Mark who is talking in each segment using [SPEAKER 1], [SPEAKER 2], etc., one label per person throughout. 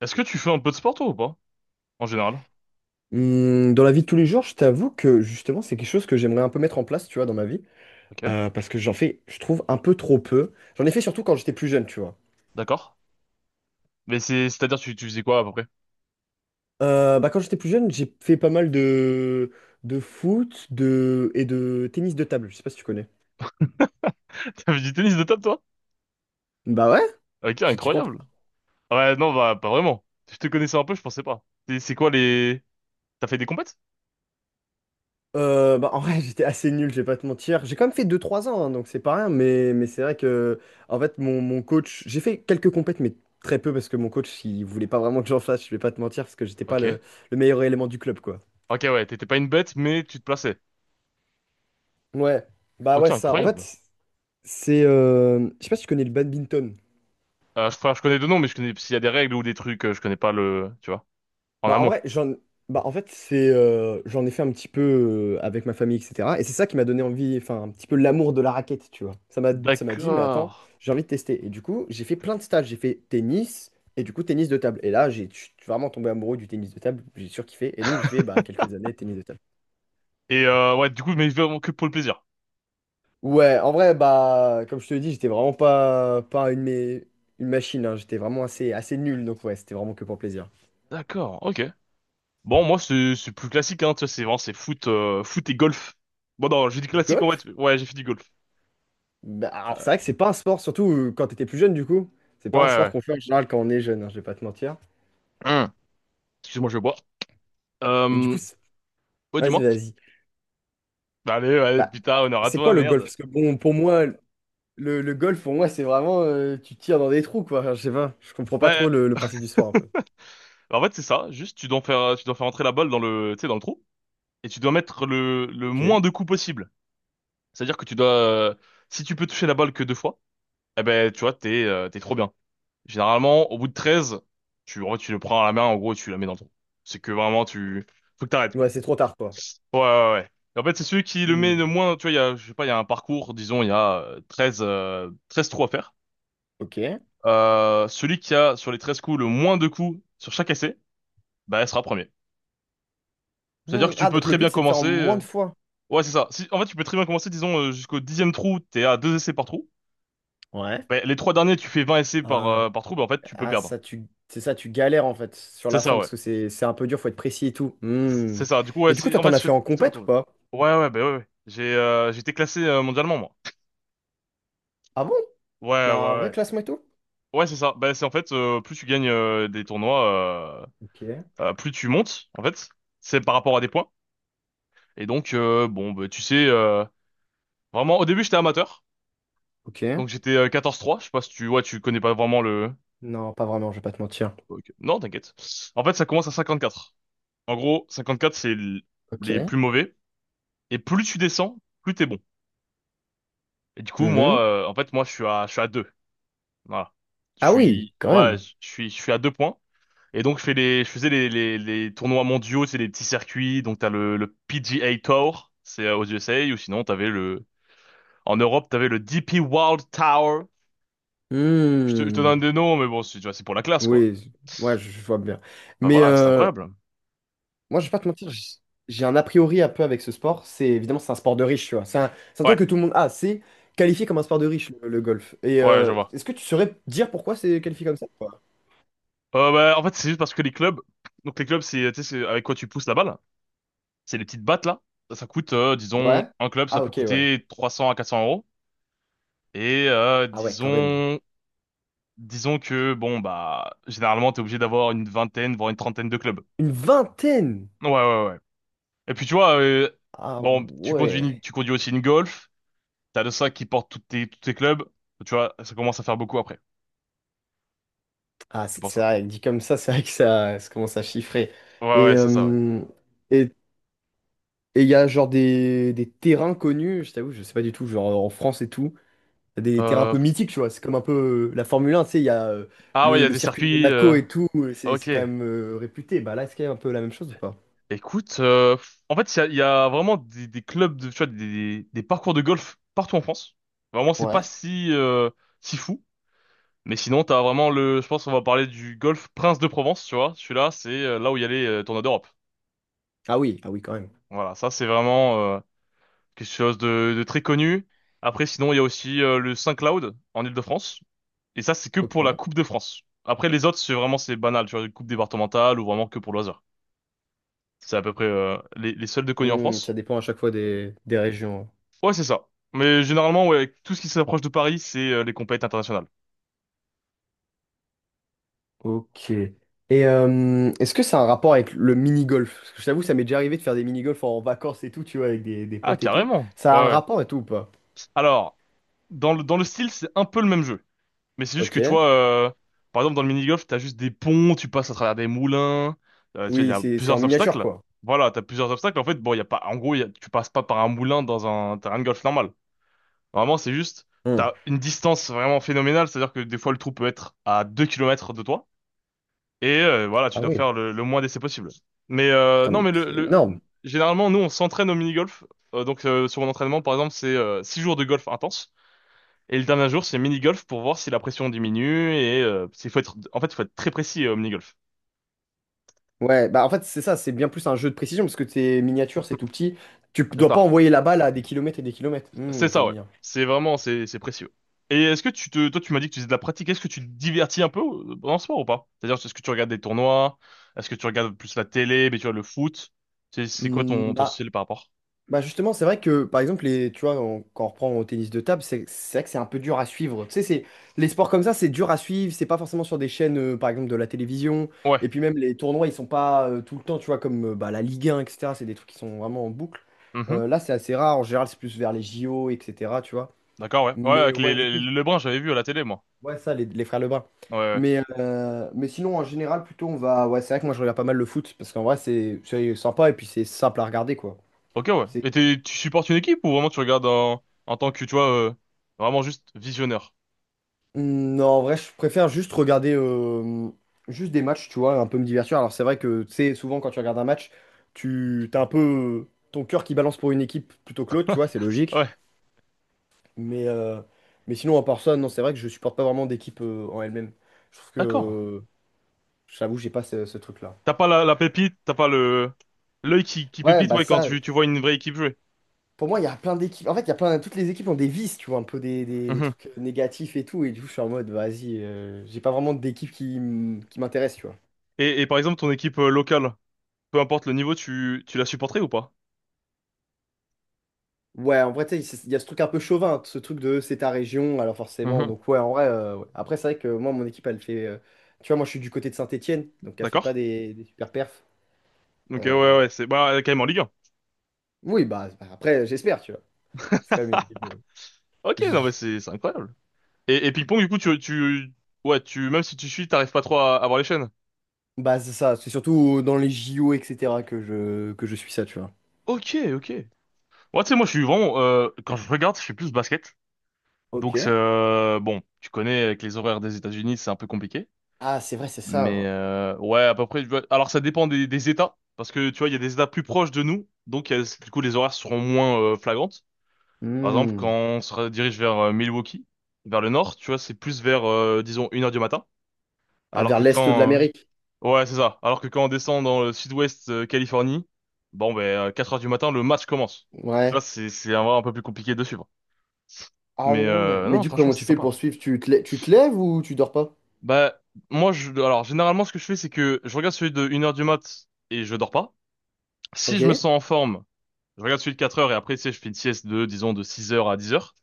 [SPEAKER 1] Est-ce que tu fais un peu de sport toi ou pas? En général.
[SPEAKER 2] Dans la vie de tous les jours, je t'avoue que justement, c'est quelque chose que j'aimerais un peu mettre en place, tu vois, dans ma vie.
[SPEAKER 1] Ok,
[SPEAKER 2] Parce que j'en fais, je trouve, un peu trop peu. J'en ai fait surtout quand j'étais plus jeune, tu vois.
[SPEAKER 1] d'accord. Mais c'est-à-dire tu faisais quoi à peu près?
[SPEAKER 2] Quand j'étais plus jeune, j'ai fait pas mal de foot de... et de tennis de table. Je sais pas si tu connais.
[SPEAKER 1] T'avais du tennis de table toi?
[SPEAKER 2] Bah ouais,
[SPEAKER 1] Ok,
[SPEAKER 2] tu t'y crois
[SPEAKER 1] incroyable.
[SPEAKER 2] pas?
[SPEAKER 1] Ouais, non, bah pas vraiment. Si je te connaissais un peu, je pensais pas. C'est quoi les. T'as fait des compètes?
[SPEAKER 2] Bah en vrai, j'étais assez nul, je vais pas te mentir. J'ai quand même fait deux trois ans, hein, donc c'est pas rien. Mais c'est vrai que, en fait, mon coach, j'ai fait quelques compètes, mais très peu parce que mon coach, il voulait pas vraiment que j'en fasse, je vais pas te mentir, parce que j'étais pas
[SPEAKER 1] Ok.
[SPEAKER 2] le meilleur élément du club, quoi.
[SPEAKER 1] Ok, ouais, t'étais pas une bête, mais tu te plaçais.
[SPEAKER 2] Ouais, bah
[SPEAKER 1] Ok,
[SPEAKER 2] ouais, c'est ça. En
[SPEAKER 1] incroyable.
[SPEAKER 2] fait, c'est. Je sais pas si tu connais le badminton.
[SPEAKER 1] Enfin, je connais deux noms, mais je connais s'il y a des règles ou des trucs, je connais pas le. Tu vois, en
[SPEAKER 2] Bah en
[SPEAKER 1] amont.
[SPEAKER 2] vrai, j'en. Bah en fait, c'est. J'en ai fait un petit peu avec ma famille, etc. Et c'est ça qui m'a donné envie, enfin, un petit peu l'amour de la raquette, tu vois. Ça m'a dit, mais attends,
[SPEAKER 1] D'accord.
[SPEAKER 2] j'ai envie de tester. Et du coup, j'ai fait plein de stages. J'ai fait tennis, et du coup, tennis de table. Et là, j'ai je suis vraiment tombé amoureux du tennis de table. J'ai surkiffé. Et donc, j'ai fait bah, quelques années de tennis de table.
[SPEAKER 1] Et ouais, du coup, mais vraiment que pour le plaisir.
[SPEAKER 2] Ouais, en vrai, bah, comme je te le dis, j'étais vraiment pas une, une machine, hein. J'étais vraiment assez nul. Donc, ouais, c'était vraiment que pour plaisir.
[SPEAKER 1] D'accord, ok. Bon, moi, c'est plus classique, hein, tu vois, c'est foot, foot et golf. Bon, non, j'ai dit classique, en fait.
[SPEAKER 2] Golf?
[SPEAKER 1] Ouais, j'ai fait du golf.
[SPEAKER 2] Bah, alors
[SPEAKER 1] Euh,
[SPEAKER 2] c'est vrai que c'est pas un sport, surtout quand t'étais plus jeune du coup. C'est
[SPEAKER 1] ouais,
[SPEAKER 2] pas un sport
[SPEAKER 1] ouais.
[SPEAKER 2] qu'on fait en général quand on est jeune, hein, je vais pas te mentir.
[SPEAKER 1] Hum. Excuse-moi, je vais boire.
[SPEAKER 2] Et du coup,
[SPEAKER 1] Euh, ouais,
[SPEAKER 2] vas-y,
[SPEAKER 1] dis-moi.
[SPEAKER 2] vas-y.
[SPEAKER 1] Bah, allez, allez,
[SPEAKER 2] Bah,
[SPEAKER 1] putain, honneur à
[SPEAKER 2] c'est
[SPEAKER 1] toi,
[SPEAKER 2] quoi le golf?
[SPEAKER 1] merde.
[SPEAKER 2] Parce que bon, pour moi, le golf, pour moi, c'est vraiment tu tires dans des trous, quoi. Enfin, je sais pas, je comprends pas
[SPEAKER 1] Bah,
[SPEAKER 2] trop le principe du sport un peu.
[SPEAKER 1] en fait, c'est ça. Juste, tu dois faire entrer la balle tu sais, dans le trou. Et tu dois mettre le
[SPEAKER 2] Ok.
[SPEAKER 1] moins de coups possible. C'est-à-dire que si tu peux toucher la balle que deux fois, eh ben, tu vois, t'es trop bien. Généralement, au bout de 13, en vrai, tu le prends à la main, en gros, et tu la mets dans le trou. C'est que vraiment, faut que t'arrêtes, quoi.
[SPEAKER 2] Ouais, c'est trop tard, quoi.
[SPEAKER 1] Ouais, ouais, ouais. En fait, c'est celui qui le met le
[SPEAKER 2] Hmm.
[SPEAKER 1] moins, tu vois, je sais pas, il y a un parcours, disons, il y a 13 13 trous à faire.
[SPEAKER 2] Ok.
[SPEAKER 1] Celui qui a, sur les 13 coups, le moins de coups sur chaque essai, bah, elle sera premier. C'est-à-dire
[SPEAKER 2] Hmm.
[SPEAKER 1] que tu
[SPEAKER 2] Ah,
[SPEAKER 1] peux
[SPEAKER 2] donc le
[SPEAKER 1] très
[SPEAKER 2] but,
[SPEAKER 1] bien
[SPEAKER 2] c'est de faire en
[SPEAKER 1] commencer,
[SPEAKER 2] moins
[SPEAKER 1] euh,
[SPEAKER 2] de fois.
[SPEAKER 1] Ouais, c'est ça. Si, en fait, tu peux très bien commencer, disons, jusqu'au dixième trou, t'es à deux essais par trou.
[SPEAKER 2] Ouais.
[SPEAKER 1] Bah, les trois derniers, tu fais 20 essais
[SPEAKER 2] Ah,
[SPEAKER 1] par trou, bah, en fait, tu peux
[SPEAKER 2] ah,
[SPEAKER 1] perdre.
[SPEAKER 2] ça, c'est ça, tu galères en fait sur
[SPEAKER 1] C'est
[SPEAKER 2] la
[SPEAKER 1] ça,
[SPEAKER 2] fin
[SPEAKER 1] ouais.
[SPEAKER 2] parce que c'est un peu dur, faut être précis et tout. Hmm.
[SPEAKER 1] C'est ça. Du coup,
[SPEAKER 2] Et
[SPEAKER 1] ouais,
[SPEAKER 2] du coup, toi,
[SPEAKER 1] en
[SPEAKER 2] t'en
[SPEAKER 1] fait,
[SPEAKER 2] as
[SPEAKER 1] je
[SPEAKER 2] fait en
[SPEAKER 1] te
[SPEAKER 2] compète ou
[SPEAKER 1] retourne.
[SPEAKER 2] pas?
[SPEAKER 1] Ouais, ouais, bah, ouais, ouais. J'étais classé mondialement, moi.
[SPEAKER 2] Ah bon? Il y
[SPEAKER 1] Ouais,
[SPEAKER 2] a
[SPEAKER 1] ouais,
[SPEAKER 2] un vrai
[SPEAKER 1] ouais.
[SPEAKER 2] classement et tout?
[SPEAKER 1] Ouais, c'est ça. Bah, c'est en fait, plus tu gagnes des tournois, euh,
[SPEAKER 2] Ok.
[SPEAKER 1] euh, plus tu montes, en fait. C'est par rapport à des points. Et donc, bon, bah, tu sais, vraiment, au début, j'étais amateur.
[SPEAKER 2] Ok.
[SPEAKER 1] Donc, j'étais 14-3. Je sais pas si ouais, tu connais pas vraiment le.
[SPEAKER 2] Non, pas vraiment, je vais pas te mentir.
[SPEAKER 1] Ok. Non, t'inquiète. En fait, ça commence à 54. En gros, 54, c'est les plus
[SPEAKER 2] Ok.
[SPEAKER 1] mauvais. Et plus tu descends, plus t'es bon. Et du coup,
[SPEAKER 2] Mhm.
[SPEAKER 1] en fait, moi, je suis à 2. Voilà. Je
[SPEAKER 2] Ah oui,
[SPEAKER 1] suis,
[SPEAKER 2] quand
[SPEAKER 1] ouais,
[SPEAKER 2] même.
[SPEAKER 1] je suis à 2 points. Et donc, je faisais les tournois mondiaux, c'est des petits circuits. Donc, t'as le PGA Tour, c'est aux USA, ou sinon, en Europe, t'avais le DP World Tour. Je te
[SPEAKER 2] Hmm.
[SPEAKER 1] donne des noms, mais bon, tu vois, c'est pour la classe, quoi.
[SPEAKER 2] Oui, je- ouais, je vois bien.
[SPEAKER 1] Enfin,
[SPEAKER 2] Mais
[SPEAKER 1] voilà, c'est
[SPEAKER 2] euh,
[SPEAKER 1] incroyable.
[SPEAKER 2] Moi, je vais pas te mentir, j'ai un a priori un peu avec ce sport. C'est un sport de riche, tu vois. C'est un
[SPEAKER 1] Ouais,
[SPEAKER 2] truc que tout le monde a. C'est qualifié comme un sport de riche, le golf.
[SPEAKER 1] ouais, je vois.
[SPEAKER 2] Est-ce que tu saurais dire pourquoi c'est qualifié comme ça, quoi?
[SPEAKER 1] Bah, en fait, c'est juste parce que les clubs, donc les clubs, tu sais, c'est avec quoi tu pousses la balle. C'est les petites battes, là. Ça coûte, disons,
[SPEAKER 2] Ouais?
[SPEAKER 1] un club, ça
[SPEAKER 2] Ah
[SPEAKER 1] peut
[SPEAKER 2] ok, ouais.
[SPEAKER 1] coûter 300 à 400 euros. Et,
[SPEAKER 2] Ah ouais, quand même.
[SPEAKER 1] disons que, bon, bah, généralement, t'es obligé d'avoir une vingtaine, voire une trentaine de clubs.
[SPEAKER 2] Une vingtaine!
[SPEAKER 1] Ouais, ouais, ouais. Et puis tu vois,
[SPEAKER 2] Ah
[SPEAKER 1] bon,
[SPEAKER 2] ouais.
[SPEAKER 1] tu conduis aussi une Golf, t'as le sac qui porte tous tes clubs, tu vois, ça commence à faire beaucoup après.
[SPEAKER 2] Ah,
[SPEAKER 1] C'est pour
[SPEAKER 2] c'est
[SPEAKER 1] ça.
[SPEAKER 2] vrai, dit comme ça, c'est vrai que ça commence à chiffrer.
[SPEAKER 1] Ouais,
[SPEAKER 2] Et
[SPEAKER 1] ouais, c'est ça, ouais.
[SPEAKER 2] euh, et et il y a genre des terrains connus, je t'avoue, je sais pas du tout, genre en France et tout, t'as des terrains un
[SPEAKER 1] Euh,
[SPEAKER 2] peu mythiques, tu vois, c'est comme un peu la Formule 1, tu sais, il y a
[SPEAKER 1] ah ouais, il y a
[SPEAKER 2] le
[SPEAKER 1] des
[SPEAKER 2] circuit de
[SPEAKER 1] circuits,
[SPEAKER 2] Monaco et tout, c'est
[SPEAKER 1] ok.
[SPEAKER 2] quand même réputé. Bah là, est-ce qu'il y a un peu la même chose ou pas?
[SPEAKER 1] Écoute, en fait, il y a vraiment tu vois, des parcours de golf partout en France. Vraiment, c'est pas
[SPEAKER 2] Ouais.
[SPEAKER 1] si fou. Mais sinon, t'as vraiment je pense qu'on va parler du golf Prince de Provence, tu vois. Celui-là, c'est là où il y a les tournois d'Europe.
[SPEAKER 2] Ah oui, ah oui, quand même.
[SPEAKER 1] Voilà, ça, c'est vraiment, quelque chose de très connu. Après, sinon, il y a aussi le Saint-Cloud en Île-de-France. Et ça, c'est que
[SPEAKER 2] Ok.
[SPEAKER 1] pour la Coupe de France. Après, les autres, c'est banal, tu vois, une coupe départementale ou vraiment que pour loisir. C'est à peu près les seuls de connus en
[SPEAKER 2] Hmm,
[SPEAKER 1] France.
[SPEAKER 2] ça dépend à chaque fois des régions, hein.
[SPEAKER 1] Ouais, c'est ça. Mais généralement, ouais, tout ce qui s'approche de Paris, c'est les compétitions internationales.
[SPEAKER 2] Ok. Est-ce que ça a un rapport avec le mini-golf? Parce que je t'avoue, ça m'est déjà arrivé de faire des mini-golf en vacances et tout, tu vois, avec des
[SPEAKER 1] Ah,
[SPEAKER 2] potes et tout.
[SPEAKER 1] carrément. Ouais,
[SPEAKER 2] Ça a un
[SPEAKER 1] ouais.
[SPEAKER 2] rapport et tout ou pas?
[SPEAKER 1] Alors, dans le style, c'est un peu le même jeu. Mais c'est juste
[SPEAKER 2] Ok.
[SPEAKER 1] que tu vois, par exemple dans le mini-golf, t'as juste des ponts, tu passes à travers des moulins, tu vois, il y
[SPEAKER 2] Oui,
[SPEAKER 1] a
[SPEAKER 2] c'est en
[SPEAKER 1] plusieurs
[SPEAKER 2] miniature,
[SPEAKER 1] obstacles.
[SPEAKER 2] quoi.
[SPEAKER 1] Voilà, t'as plusieurs obstacles. En fait, bon, il y a pas, en gros, tu passes pas par un moulin dans un terrain de golf normal. Normalement, c'est juste,
[SPEAKER 2] Hmm.
[SPEAKER 1] t'as une distance vraiment phénoménale, c'est-à-dire que des fois le trou peut être à 2 kilomètres de toi, et voilà, tu
[SPEAKER 2] Ah
[SPEAKER 1] dois
[SPEAKER 2] oui.
[SPEAKER 1] faire le moins d'essais possible. Mais
[SPEAKER 2] Attends,
[SPEAKER 1] non,
[SPEAKER 2] mais c'est énorme.
[SPEAKER 1] généralement, nous, on s'entraîne au mini-golf. Donc, sur mon entraînement, par exemple, c'est 6 jours de golf intense. Et le dernier jour, c'est mini-golf pour voir si la pression diminue et en fait, il faut être très précis au mini-golf.
[SPEAKER 2] Ouais, bah en fait, c'est ça, c'est bien plus un jeu de précision parce que tes miniatures, c'est tout petit.
[SPEAKER 1] Ça
[SPEAKER 2] Dois pas
[SPEAKER 1] part.
[SPEAKER 2] envoyer la balle à des kilomètres et des kilomètres. Hmm,
[SPEAKER 1] C'est
[SPEAKER 2] je
[SPEAKER 1] ça,
[SPEAKER 2] vois
[SPEAKER 1] ouais.
[SPEAKER 2] bien.
[SPEAKER 1] C'est précieux. Et est-ce que toi, tu m'as dit que tu faisais de la pratique. Est-ce que tu te divertis un peu dans ce sport ou pas? C'est-à-dire, est-ce que tu regardes des tournois? Est-ce que tu regardes plus la télé, mais tu vois le foot? C'est quoi
[SPEAKER 2] Hmm,
[SPEAKER 1] ton
[SPEAKER 2] bah,
[SPEAKER 1] style par rapport?
[SPEAKER 2] Bah justement, c'est vrai que par exemple, les, tu vois, on- quand on reprend au tennis de table, c'est vrai que c'est un peu dur à suivre. Tu sais, c'est les sports comme ça, c'est dur à suivre. C'est pas forcément sur des chaînes, par exemple, de la télévision.
[SPEAKER 1] Ouais.
[SPEAKER 2] Et puis même les tournois, ils sont pas tout le temps, tu vois, comme la Ligue 1, etc. C'est des trucs qui sont vraiment en boucle.
[SPEAKER 1] Mhm.
[SPEAKER 2] Là, c'est assez rare. En général, c'est plus vers les JO, etc. Tu vois.
[SPEAKER 1] D'accord, ouais. Ouais,
[SPEAKER 2] Mais
[SPEAKER 1] avec
[SPEAKER 2] ouais, du
[SPEAKER 1] les
[SPEAKER 2] coup,
[SPEAKER 1] Lebrun, j'avais vu à la télé, moi.
[SPEAKER 2] ouais, ça, les frères Lebrun.
[SPEAKER 1] Ouais, ouais.
[SPEAKER 2] Mais sinon, en général, plutôt, on va. Ouais, c'est vrai que moi, je regarde pas mal le foot parce qu'en vrai, c'est sympa et puis c'est simple à regarder, quoi.
[SPEAKER 1] Ok, ouais. Et tu supportes une équipe ou vraiment tu regardes en tant que, tu vois, vraiment juste visionneur?
[SPEAKER 2] Mmh, Non, en vrai, je préfère juste regarder juste des matchs, tu vois, un peu me divertir. Alors, c'est vrai que, tu sais, souvent, quand tu regardes un match, tu t'as un peu ton cœur qui balance pour une équipe plutôt que l'autre, tu vois, c'est logique.
[SPEAKER 1] Ouais.
[SPEAKER 2] Mais, euh, mais sinon, en part ça, non, c'est vrai que je supporte pas vraiment d'équipe en elle-même. Je trouve que,
[SPEAKER 1] D'accord.
[SPEAKER 2] j'avoue, j'ai pas ce truc-là.
[SPEAKER 1] T'as pas la pépite, t'as pas le l'œil qui
[SPEAKER 2] Ouais,
[SPEAKER 1] pépite,
[SPEAKER 2] bah
[SPEAKER 1] ouais, quand
[SPEAKER 2] ça,
[SPEAKER 1] tu vois une vraie équipe jouer.
[SPEAKER 2] pour moi, il y a plein d'équipes. En fait, il y a plein, toutes les équipes ont des vices, tu vois, un peu des
[SPEAKER 1] Mhm.
[SPEAKER 2] trucs négatifs et tout. Et du coup, je suis en mode, vas-y, j'ai pas vraiment d'équipe qui m'intéresse, tu vois.
[SPEAKER 1] Et par exemple ton équipe locale, peu importe le niveau, tu la supporterais ou pas?
[SPEAKER 2] Ouais, en vrai, tu sais, il y a ce truc un peu chauvin, ce truc de c'est ta région, alors forcément.
[SPEAKER 1] Mhm.
[SPEAKER 2] Donc, ouais, en vrai, ouais. Après, c'est vrai que moi, mon équipe, elle fait. Tu vois, moi, je suis du côté de Saint-Étienne, donc elle fait pas
[SPEAKER 1] D'accord?
[SPEAKER 2] des super perfs.
[SPEAKER 1] Donc
[SPEAKER 2] Euh,
[SPEAKER 1] ouais, ouais, c'est, bah euh,, quand même en Ligue 1.
[SPEAKER 2] Oui, bah, après, j'espère, tu vois. C'est quand même une équipe de.
[SPEAKER 1] Ok,
[SPEAKER 2] Je-
[SPEAKER 1] non, mais c'est incroyable. Et ping-pong, du coup, tu, ouais, tu même si tu suis, t'arrives pas trop à voir les chaînes.
[SPEAKER 2] Bah, c'est ça, c'est surtout dans les JO, etc., que que je suis ça, tu vois.
[SPEAKER 1] Ok, ok. Ouais, tu sais, moi je suis vraiment quand je regarde, je suis plus basket.
[SPEAKER 2] Ok.
[SPEAKER 1] Donc c'est, bon, tu connais, avec les horaires des États-Unis, c'est un peu compliqué.
[SPEAKER 2] Ah, c'est vrai, c'est ça,
[SPEAKER 1] Mais
[SPEAKER 2] ouais.
[SPEAKER 1] ouais, à peu près. Alors ça dépend des États, parce que tu vois, il y a des États plus proches de nous, donc du coup les horaires seront moins flagrantes. Par exemple, quand
[SPEAKER 2] Hmm.
[SPEAKER 1] on se dirige vers Milwaukee, vers le nord, tu vois, c'est plus vers, disons, une heure du matin.
[SPEAKER 2] Ah,
[SPEAKER 1] Alors
[SPEAKER 2] vers
[SPEAKER 1] que
[SPEAKER 2] l'est de
[SPEAKER 1] quand... euh,
[SPEAKER 2] l'Amérique.
[SPEAKER 1] Ouais, c'est ça. Alors que quand on descend dans le sud-ouest Californie, bon, ben, 4 heures du matin, le match commence. Donc là,
[SPEAKER 2] Ouais.
[SPEAKER 1] c'est un peu plus compliqué de suivre.
[SPEAKER 2] Ah
[SPEAKER 1] Mais
[SPEAKER 2] ouais. Mais
[SPEAKER 1] non,
[SPEAKER 2] du coup,
[SPEAKER 1] franchement,
[SPEAKER 2] comment
[SPEAKER 1] c'est
[SPEAKER 2] tu fais
[SPEAKER 1] sympa.
[SPEAKER 2] pour suivre? Tu te lèves ou tu dors pas?
[SPEAKER 1] Bah, moi, alors, généralement, ce que je fais, c'est que je regarde celui de une heure du mat et je dors pas. Si
[SPEAKER 2] Ok.
[SPEAKER 1] je me sens en forme, je regarde celui de 4 heures et après, tu sais, je fais une sieste disons, de 6 heures à 10 heures.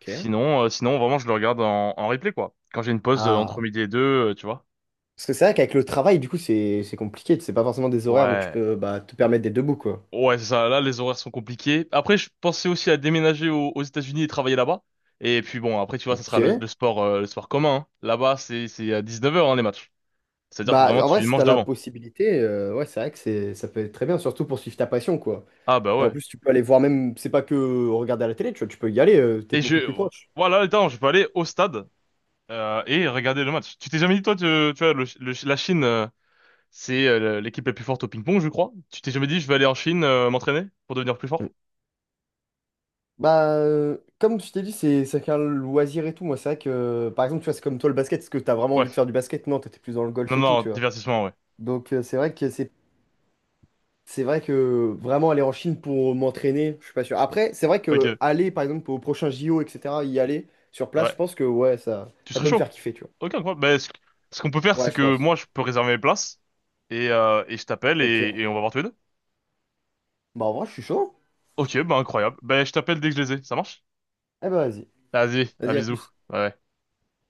[SPEAKER 2] Ok.
[SPEAKER 1] Sinon, sinon, vraiment, je le regarde en replay, quoi. Quand j'ai une pause entre
[SPEAKER 2] Ah.
[SPEAKER 1] midi et deux, tu vois.
[SPEAKER 2] Parce que c'est vrai qu'avec le travail, du coup, c'est compliqué. C'est pas forcément des horaires où tu
[SPEAKER 1] Ouais.
[SPEAKER 2] peux bah, te permettre d'être debout, quoi.
[SPEAKER 1] Ouais, c'est ça. Là, les horaires sont compliqués. Après, je pensais aussi à déménager aux États-Unis et travailler là-bas. Et puis bon, après, tu vois, ça sera
[SPEAKER 2] Ok.
[SPEAKER 1] le sport commun, hein. Là-bas, c'est à 19h, hein, les matchs. C'est-à-dire que
[SPEAKER 2] Bah,
[SPEAKER 1] vraiment,
[SPEAKER 2] en vrai,
[SPEAKER 1] tu
[SPEAKER 2] si
[SPEAKER 1] manges
[SPEAKER 2] t'as la
[SPEAKER 1] devant.
[SPEAKER 2] possibilité, ouais, c'est vrai que c'est ça peut être très bien, surtout pour suivre ta passion, quoi.
[SPEAKER 1] Ah, bah
[SPEAKER 2] Et en
[SPEAKER 1] ouais.
[SPEAKER 2] plus, tu peux aller voir même, c'est pas que regarder à la télé, tu vois, tu peux y aller, t'es
[SPEAKER 1] Et
[SPEAKER 2] beaucoup plus proche.
[SPEAKER 1] voilà, attends, je peux aller au stade, et regarder le match. Tu t'es jamais dit, toi, tu vois, la Chine. C'est l'équipe la plus forte au ping-pong, je crois. Tu t'es jamais dit, je vais aller en Chine m'entraîner pour devenir plus fort?
[SPEAKER 2] Mm. Bah, comme je t'ai dit, c'est qu'un loisir et tout. Moi, c'est vrai que, par exemple, tu vois, c'est comme toi le basket, est-ce que t'as vraiment envie de
[SPEAKER 1] Ouais.
[SPEAKER 2] faire du basket? Non, t'étais plus dans le
[SPEAKER 1] Non,
[SPEAKER 2] golf et tout,
[SPEAKER 1] non,
[SPEAKER 2] tu vois.
[SPEAKER 1] divertissement, ouais.
[SPEAKER 2] Donc, C'est vrai que vraiment aller en Chine pour m'entraîner, je suis pas sûr. Après, c'est vrai
[SPEAKER 1] Ok,
[SPEAKER 2] que aller par exemple au prochain JO, etc., y aller sur place, je
[SPEAKER 1] ouais.
[SPEAKER 2] pense que ouais,
[SPEAKER 1] Tu
[SPEAKER 2] ça
[SPEAKER 1] serais
[SPEAKER 2] peut me
[SPEAKER 1] chaud?
[SPEAKER 2] faire kiffer, tu
[SPEAKER 1] Ok, quoi. Ben, ce qu'on peut faire,
[SPEAKER 2] vois. Ouais,
[SPEAKER 1] c'est
[SPEAKER 2] je
[SPEAKER 1] que
[SPEAKER 2] pense.
[SPEAKER 1] moi, je peux réserver mes places et je t'appelle
[SPEAKER 2] Ok.
[SPEAKER 1] et on va voir tous les deux.
[SPEAKER 2] Bah en vrai, je suis chaud,
[SPEAKER 1] Ok, ben, incroyable. Ben, je t'appelle dès que je les ai. Ça marche?
[SPEAKER 2] hein. Eh ben vas-y.
[SPEAKER 1] Vas-y, à
[SPEAKER 2] Vas-y, à
[SPEAKER 1] bisous.
[SPEAKER 2] plus.
[SPEAKER 1] Ouais. Ouais.